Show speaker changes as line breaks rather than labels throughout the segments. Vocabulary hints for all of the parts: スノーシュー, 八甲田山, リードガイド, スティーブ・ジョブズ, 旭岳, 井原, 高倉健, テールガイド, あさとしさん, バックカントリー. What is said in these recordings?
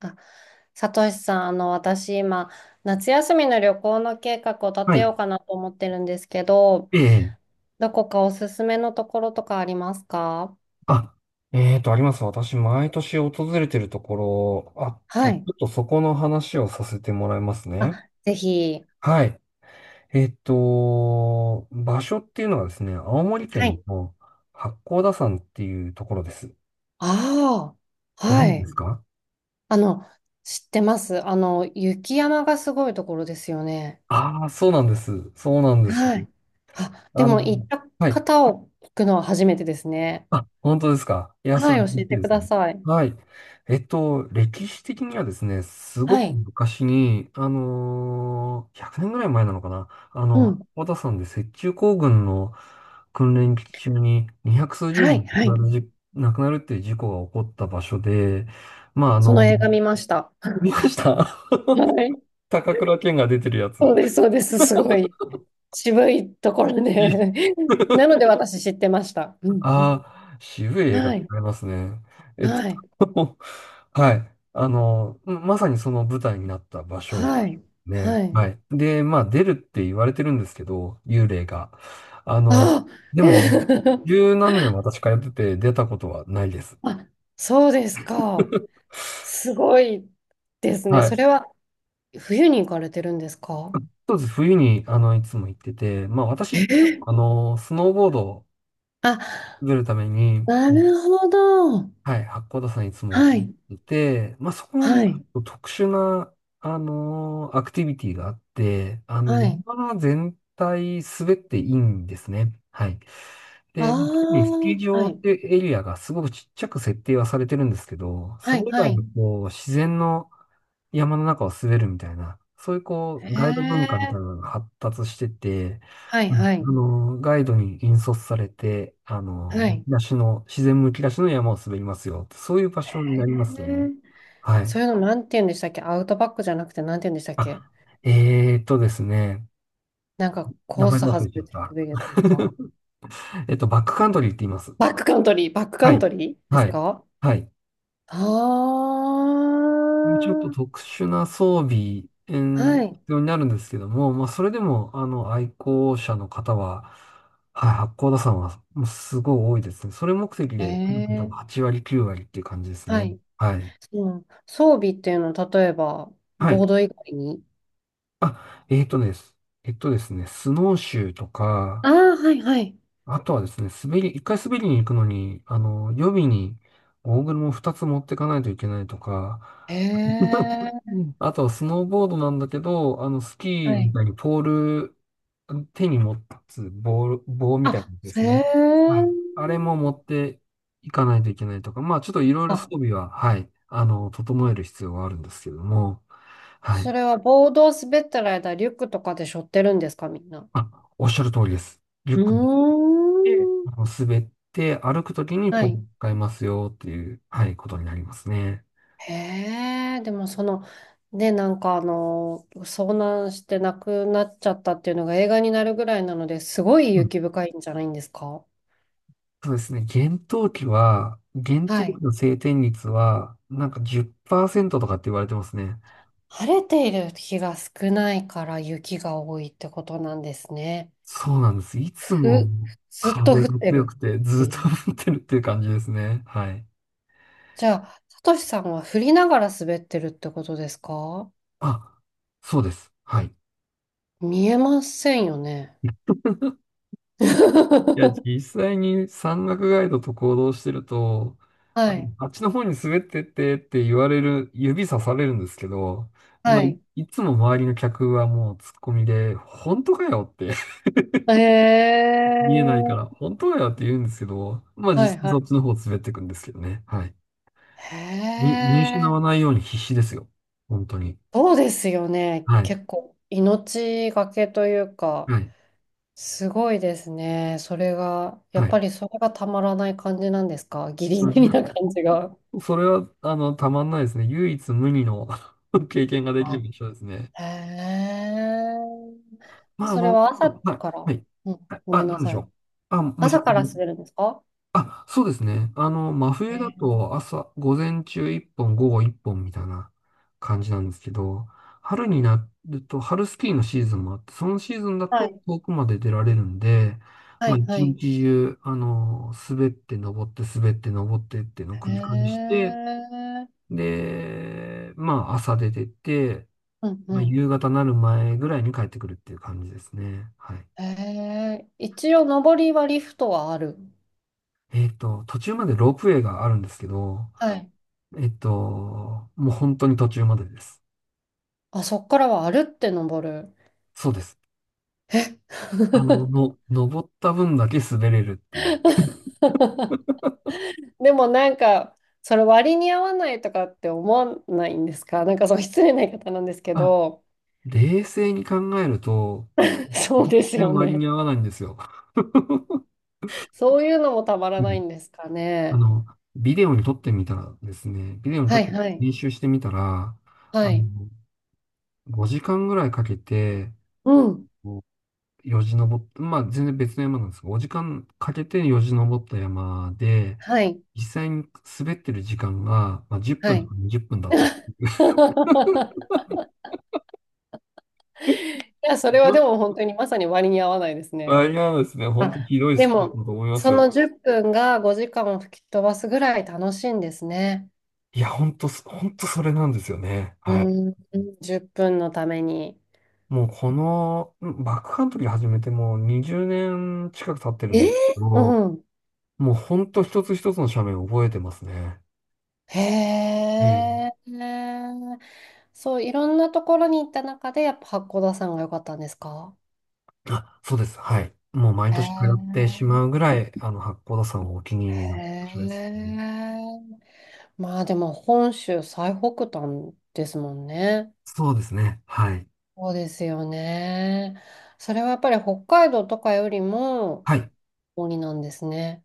あさとしさん、私今、夏休みの旅行の計画を立
は
てよ
い。
うかなと思ってるんですけど、
ええ。
どこかおすすめのところとかありますか？
あ、あります。私、毎年訪れてるところあっ
は
て、ち
い。
ょっとそこの話をさせてもらいますね。
あ、ぜひ。
はい。場所っていうのはですね、青森
は
県
い。
の八甲田山っていうところです。
ああ、
ご
は
存知で
い。
すか？
あの、知ってます。雪山がすごいところですよね。
ああー、そうなんです。そうなんです。
はい。あ、で
あ
も
の、
行った
はい。
方を聞くのは初めてですね。
あ、本当ですか。いや、そ
は
れ
い、
は
教
嬉
え
しい
て
で
く
す
だ
ね。
さい。
はい。歴史的にはですね、すご
は
く
い。
昔に、100年ぐらい前なのかな。
うん。
小田さんで雪中行軍の訓練期中に200数十
はい、
人
はい。
亡くなるっていう事故が起こった場所で、まあ、
その映画見ました。
見まし
は
た。
い。
高倉健が出てるやつ。
そうです、そうです。すごい渋いところで なので私知ってました。うんう
あ
ん。
あ、渋い映画あ
はい。
りますね。えっ
はい。
と、はい。まさにその舞台になった場所。
はい。
ね。
はい。
はい。で、まあ、出るって言われてるんですけど、幽霊が。あの、
あ、
でも、十何年私通ってて出たことはないです。
あ、そうですか。すごいですね。
は
そ
い。
れは冬に行かれてるんですか？
そうです。冬に、いつも行ってて、まあ、私、
え。
スノーボードを
あ、
滑るために、
なるほど。
はい、八甲田山いつもと
は
思っ
い。
てて、まあ、そこはま
は
あちょ
い。
っと特殊な、アクティビティがあって、
はい。
山全体滑っていいんですね。はい。
あ
で、特にスキー
あ、は
場っ
い。
てエリアがすごくちっちゃく設定はされてるんですけど、そ
は
れ
い。
以
は
外の
い。
こう、自然の山の中を滑るみたいな、そういうこ
へ
う、ガイド文化みた
え。
いなのが発達してて、
はい。
うん、
はい。
ガイドに引率されて、
は
む
い。
き出しの、自然むき出しの山を滑りますよ。そういう場所に
へ
な
え。
りますね。はい。
そういうのなんて言うんでしたっけ？アウトバックじゃなくてなんて言うんでしたっけ？
あ、ですね。
なんか
名
コー
前
ス
忘れ
外
ちゃ
れ
っ
て
た。
滑るやつですか？
バックカントリーって言います。
バックカントリー、バックカ
は
ン
い。
トリーで
は
す
い。
か？
はい。
ああ
ちょっと
ー、
特殊な装備、
はい。
必要になるんですけども、まあ、それでも、愛好者の方は、はい、八甲田山は、もうすごい多いですね。それ目的で来る方が
ええ、
8割、9割っていう感じです
は
ね。
い。
はい。
うん。装備っていうのは、例えば、
はい。
ボード以外に。
あ、えーとです。スノーシューとか、
ああ、はいはい。
あとはですね、一回滑りに行くのに、予備にゴーグルも二つ持ってかないといけないとか、
え え、
うん、あとはスノーボードなんだけど、スキ
は
ーみ
い。
たいにポール、手に持つ棒みたいな
あ、
やつで
へ
すね。はい、
え。
あれも持っていかないといけないとか、まあちょっといろいろ装
あ、
備は、はい、整える必要はあるんですけれども、は
そ
い。
れはボードを滑ってる間、リュックとかで背負ってるんですか、みんな。
あ、おっしゃる通りです。リュ
う
ックで
ーん。
滑って歩くときに
は
ポールを
い。
使いますよっていう、はい、ことになりますね。
へえ、でもその、ね、なんか、遭難して亡くなっちゃったっていうのが映画になるぐらいなので、すごい
うん、
雪深いんじゃないんですか？
そうですね。厳冬
は
期
い。
の晴天率は、なんか10%とかって言われてますね。
晴れている日が少ないから雪が多いってことなんですね。
そうなんです。いつも
ふ、ずっと
風
降
が
って
強
る
くて
っ
ず
て
っ
い
と
う。
降ってるっていう感じですね。はい。
じゃあ、さとしさんは降りながら滑ってるってことですか？
あ、そうです。はい。
見えませんよね。
いや、実際に山岳ガイドと行動してると、あ
はい。
あっちの方に滑ってってって言われる、指さされるんですけど、まあ、
はい。
いつも周りの客はもうツッコミで、本当かよって
へ
見えないから、
え。
本当かよって言うんですけど、まあ
はい
実際
は
そっ
い。
ちの方滑っていくんですけどね。はい。
へ
に、見失わな
え、
いように必死ですよ。本当に。
そうですよね。
はい。
結構命がけというか、
はい。
すごいですね。それが、や
は
っ
い。
ぱりそれがたまらない感じなんですか？ギリ
い
ギリ
や
な感じが。
それは、たまんないですね。唯一無二の 経験ができる
あ、
場所ですね。
へえ。
まあ、
それは朝
はい、
か
は
ら、
い。
うん、ご
あ、
めん
な
な
んでし
さ
ょ
い。
う。あ、もうちょ
朝
っと。
からするんですか？
あ、そうですね。真
へ
冬だ
え。
と朝、午前中1本、午後1本みたいな感じなんですけど、春になると、春スキーのシーズンもあって、そのシーズンだ
は
と
い、
遠くまで出られるんで、
は
まあ、
い、は
一
い。
日中、滑って登って、滑って登ってっていうのを
へ
繰り返して、
え。
で、まあ、朝出てって、
うん、う
まあ、
ん。
夕方なる前ぐらいに帰ってくるっていう感じですね。はい。
へえ。一応、上りはリフトはある。
途中までロープウェイがあるんですけど、
はい。
もう本当に途中までです。
あ、そっからは歩って登る。
そうです。
え。
登った分だけ滑れるっていう。
でもなんか、それ割に合わないとかって思わないんですか？なんかその失礼な言い方なんですけ
あ、
ど、
冷静に考えると、
そう
全
です
然
よ
割に
ね。
合わないんですよ。
そういうのもたま
う
らない
ん。
んですか
あ
ね。
の、ビデオに撮
は
っ
い
て
はい。
練習してみたら、
は
あ
い。
の、5時間ぐらいかけて、
うん。
こうよじ登っまあ全然別の山なんですが、5時間かけてよじ登った山で、
はい。
実際に滑ってる時間が、まあ、10
は
分と
い。
か20分だった。
いや、それはで も本当にまさに割に合わないですね。
割合ですね、本当
あ、
ひどい
で
スポーツ
も、
だと思います
そ
よ。
の10分が5時間を吹き飛ばすぐらい楽しいんですね。
いや、本当、本当それなんですよね。
う
はい。
ん、10分のために。
もううん、バックカントリー始めてもう20年近く経ってる
え
んだけ
ー
ど、
うん。
もう本当一つ一つの斜面を覚えてますね。
へ
ええ、
え。そう、いろんなところに行った中で、やっぱ八甲田山が良かったんですか？
あ、そうです。はい。もう毎
へ
年通ってしま
え。
うぐらい、八甲田山はお気に入りの
へ
場所ですね。
え。まあでも、本州最北端ですもんね。
そうですね。はい。
そうですよね。それはやっぱり北海道とかよりも、
はい。
鬼なんですね。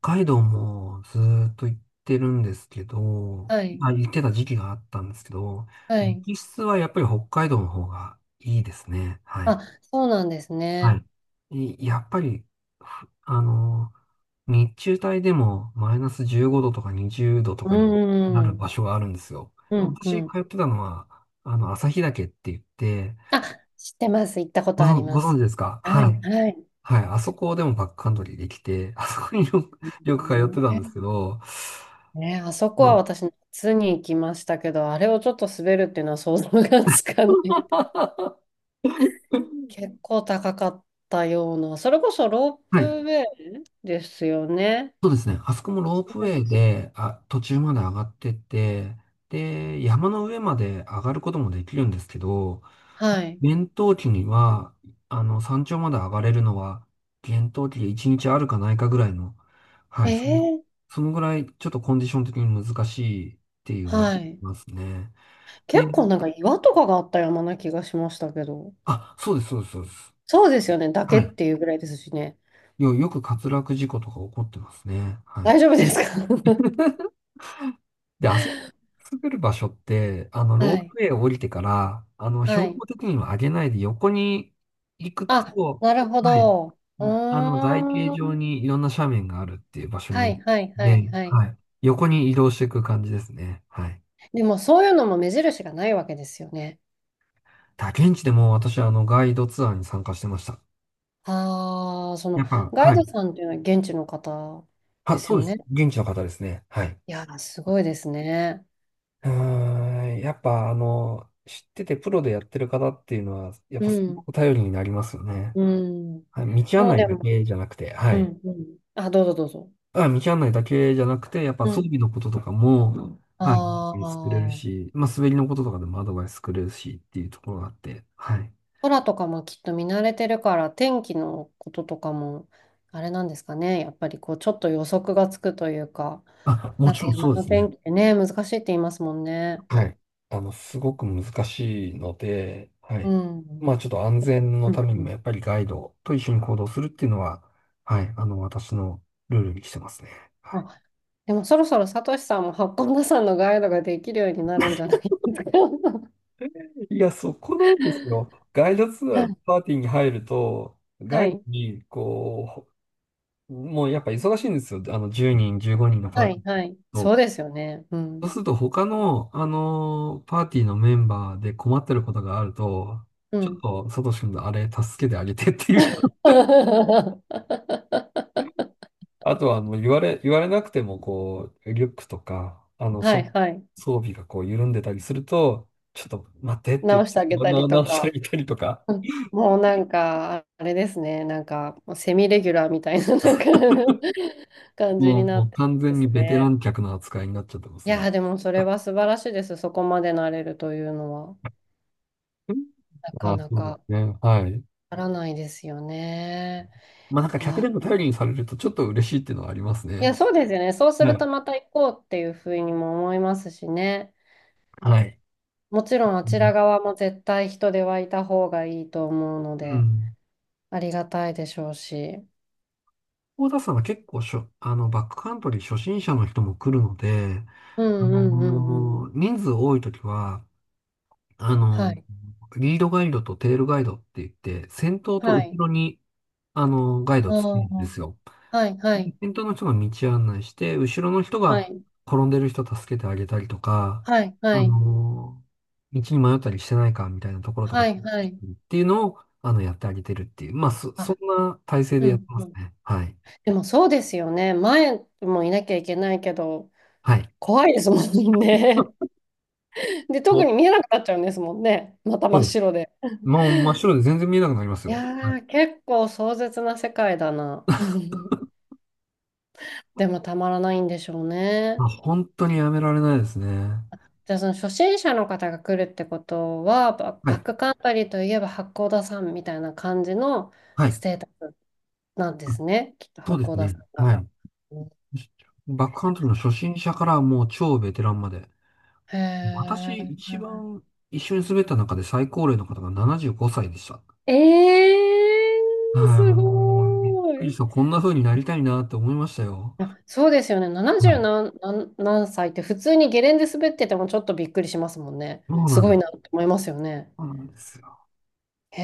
北海道もずーっと行ってるんですけど、
はい。
まあ、行ってた時期があったんですけど、
はい。
雪質はやっぱり北海道の方がいいですね。はい。
あ、そうなんです
は
ね。
い。いやっぱり、ふあの、日中帯でもマイナス15度とか20度とか
う
になる
ん。
場所があるんですよ。
う
もう
ん、う
私
ん。
通ってたのは、旭岳って言って、
あ、知ってます。行ったことあり
ご
ま
存知
す。
ですか？
は
は
い、
い。
はい。
はい。あそこでもバックカントリーできて、あそこによく、よく通ってたんですけど、
ね、あそこは
の
私、夏に行きましたけど、あれをちょっと滑るっていうのは想像がつかない。結構高かったような、それこそロー
はい。
プウェイですよね。
そうですね。あそこもロー
ロー
プウ
プウェイ
ェイ
です。
で、あ、途中まで上がってって、で、山の上まで上がることもできるんですけど、
はい。
厳冬期には、山頂まで上がれるのは、厳冬期で1日あるかないかぐらいの、はい、
ええ、
そのぐらい、ちょっとコンディション的に難しいって言われ
はい。
ますね。で、
結構なんか岩とかがあった山な気がしましたけど。
あ、そうです、そうです、そうです。
そうですよね。だけ
は
っ
い。
ていうぐらいですしね。
よく滑落事故とか起こってますね。はい。
大丈夫ですか？
で、あそこ滑る場所って、ロ
は
ープ
い。
ウェイを降りてから、
は
標
い。
高的には上げないで横に行く
あ、
と、
なるほ
はい、
ど。う
台形
ー
状
ん。
にいろんな斜面があるっていう場所に
は
なる
いはい
の
は
で、
いはい。
はい、横に移動していく感じですね。はい。
でもそういうのも目印がないわけですよね。
だ現地でも私、ガイドツアーに参加してました。
ああ、その
やっぱ、
ガイ
は
ド
い。
さんっていうのは現地の方
あ、
です
そう
よ
です。
ね。
現地の方ですね。はい。
いやー、すごいですね。
うーん、やっぱ、知っててプロでやってる方っていうのは、やっ
う
ぱすご
ん。
く頼りになりますよね。
うん。
はい、道案
もう
内
で
だ
も、
けじゃなくて、は
う
い。
ん、うん。あ、どうぞどうぞ。
あ、道案内だけじゃなくて、やっぱ
う
装
ん。
備のこととかも、は
あ
い、作れる
あ、
し、まあ、滑りのこととかでもアドバイス作れるしっていうところがあって、はい。
空とかもきっと見慣れてるから、天気のこととかも、あれなんですかね。やっぱりこう、ちょっと予測がつくというか。
あ、も
なんか
ちろん
山
そうで
の
すね。
天気ってね、難しいって言いますもんね。
はい。すごく難しいので、は
う
い。
ん。
まあ、ちょっと安全の
うん
ために
う
も、
ん。
やっぱりガイドと一緒に行動するっていうのは、はい、私のルールにしてますね。はい。
あ、でもそろそろサトシさんも八甲田山のガイドができるようになるんじゃないですか。
いや、そこなんですよ。ガイドツアーのパーティーに入ると、ガ
は
イド
い。
に、もうやっぱ忙しいんですよ。10人、15人のパ
は
ーティ
い。はい。
ー
そう
と。
ですよね。う
そ
ん。
うすると他の、パーティーのメンバーで困ってることがあると、
う
ちょっ
ん。
と、サトシ君のあれ助けてあげてっていう。
は
あとはもう言われなくても、こう、リュックとか、
いはい。
装備がこう緩んでたりすると、ちょっと待ってって、
直してあげたりと
直してあ
か。
げたりとか、
うん。もうなんか、あれですね。なんか、セミレギュラーみたいな、なんか 感じ
もう、
にな
も
っ
う
て
完
で
全に
す
ベテラ
ね。
ン客の扱いになっちゃってま
い
すね。
やー、でもそれは素晴らしいです。そこまでなれるというのは。
うん。
なか
あ、
な
そうで
か
すね。はい。
ならないですよね。
まあなんか客
は
でも頼
あ、
りにされるとちょっと嬉しいっていうのはあります
いや、
ね。
そうですよね。そうす
は
る
い。
とまた行こうっていうふうにも思いますしね。
はい。
もちろんあち
う
ら側も絶対人手はいた方がいいと思うので、
ん。
ありがたいでしょうし。
大田さんは結構バックカントリー初心者の人も来るので、
うんうんうんうん。
人数多いときは、あ
は
の
い。
リードガイドとテールガイドって言って、先頭と
は
後
い。
ろに、ガイド
あ
つけるんで
あ、
すよ。
はいはい。
先頭の人が道案内して、後ろの人
は
が
い。
転んでる人助けてあげたりとか、
はい
あ
はい。
の道に迷ったりしてないかみたいなところとかっ
はいはい。
ていうのを、やってあげてるっていう。まあ、そん
あ、
な体制で
う
やって
ん
ま
う
す
ん。
ね。はい。
でもそうですよね。前もいなきゃいけないけど、
はい。
怖いですもんね。で、特に
お
見えなくなっちゃうんですもんね。また
そ
真
う
っ
です。
白で。
まあ、真っ白で全然見えなくなります
い
よ。は
や
い
ー、結構壮絶な世界だな。でもたまらないんでしょう
まあ、
ね。
本当にやめられないですね。
じゃあその初心者の方が来るってことは、
は
バッ
い。
クカントリーといえば八甲田山みたいな感じの
は
ス
い。
テータスなんで
うん。
すね。きっと
そ
八
うで
甲
す
田
ね。
山が。
はい。
うん。
バックカントリーの初心者からもう超ベテランまで。
へ
私、一
ー。
番一緒に滑った中で最高齢の方が75歳でした。
えー、
はい、
す
もう、びっ
ご
く
ー
り
い。
した。こんな風になりたいなって思いましたよ。
いや、そうですよね。
は
70
い。
何歳って普通にゲレンデ滑っててもちょっとびっくりしますもんね。
そう
す
なん
ごい
だ。
なって思いますよね。
そうなんですよ。
へ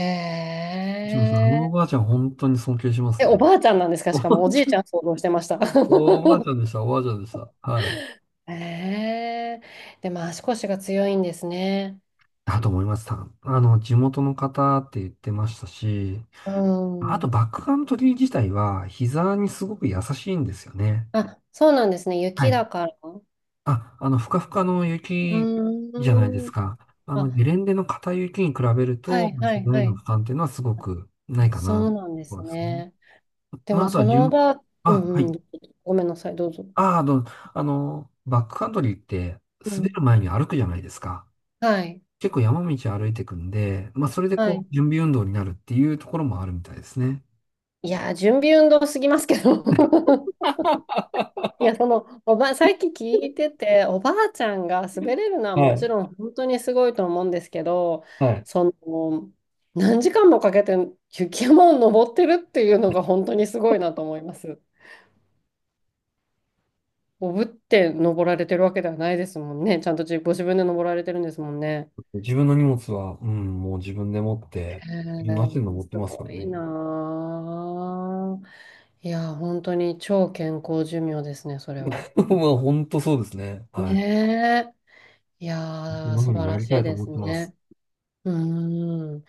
一応そのお
え。
ばあちゃん、本当に尊敬します
え、お
ね。
ばあちゃんなんですか？しかもおじい ちゃん想像してました。
おばあちゃ んでした、おばあちゃんでした。はい。
へえ。でも足腰が強いんですね。
だと思います。地元の方って言ってましたし、
う
あと
ん。
バックカントリー自体は膝にすごく優しいんですよね。
あ、そうなんですね。
は
雪
い
だから。う
あ、ふかふかの
ー
雪じゃないです
ん。
か。
あ、
ゲレンデの硬い雪に比べる
は
と、
いは
ひ
い
どい
は
の
い。
負担っていうのはすごくないか
そう
な。
なんで
そ
す
うですね。
ね。で
まあ、
も
あと
そ
は
のおばあ、う
あ、は
んう
い。
ん。ごめんなさい、どうぞ。
あ、あの、あ、バックカントリーって
う
滑る
ん。
前に歩くじゃないですか。
はい。
結構山道歩いていくんで、まあ、それで
は
こう、
い。
準備運動になるっていうところもあるみたいですね。
いやー、準備運動すぎますけど。いや、さっき聞いてて、おばあちゃんが滑れるのは
は
もち
い。
ろん本当にすごいと思うんですけど、
はい。
その、何時間もかけて雪山を登ってるっていうのが本当にすごいなと思います。おぶって登られてるわけではないですもんね。ちゃんとご自分で登られてるんですもんね。
自分の荷物は、うん、もう自分で持って、
へ
自分の足で
ー
登って
す
ますか
ご
ら
い
ね。
なー。いやー、本当に超健康寿命ですね、それ は。
まあ、本当そうですね。はい。
ねえ。いやー、
もの
素
に
晴
な
らし
りた
い
いと
で
思っ
す
てます。
ね。うーん。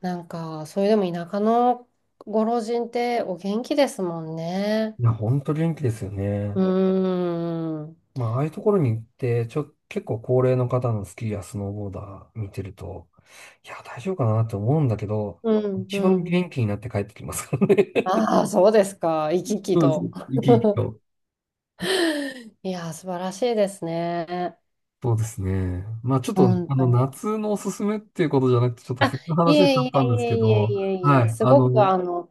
なんか、それでも田舎のご老人ってお元気ですもんね。
いや、ほんと元気ですよ
う
ね。
ーん。
まあ、ああいうところに行って、結構高齢の方のスキーやスノーボーダー見てると、いや、大丈夫かなって思うんだけど、
うん、
一
う
番
ん。
元気になって帰ってきますからね。
ああ、そうですか。生き 生き
そうです。
と。
生き生きと。
いやー、素晴らしいですね。
そうですね。まあ、ちょっと、
本当に。
夏のおすすめっていうことじゃなくて、ちょっと
あ、
冬の
い
話しちゃ
え
っ
い
た
え
んで
い
す
え
け
いえ
ど、
いえい
は
え、
い。
すごくあの、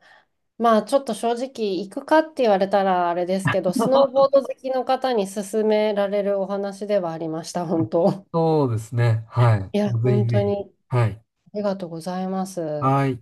まあちょっと正直、行くかって言われたらあれですけど、スノーボ ード好きの方に勧められるお話ではありました、本当。
そうですね。はい。
いや、
ぜひ
本
ぜ
当に
ひ。はい。
ありがとうございます。
はい。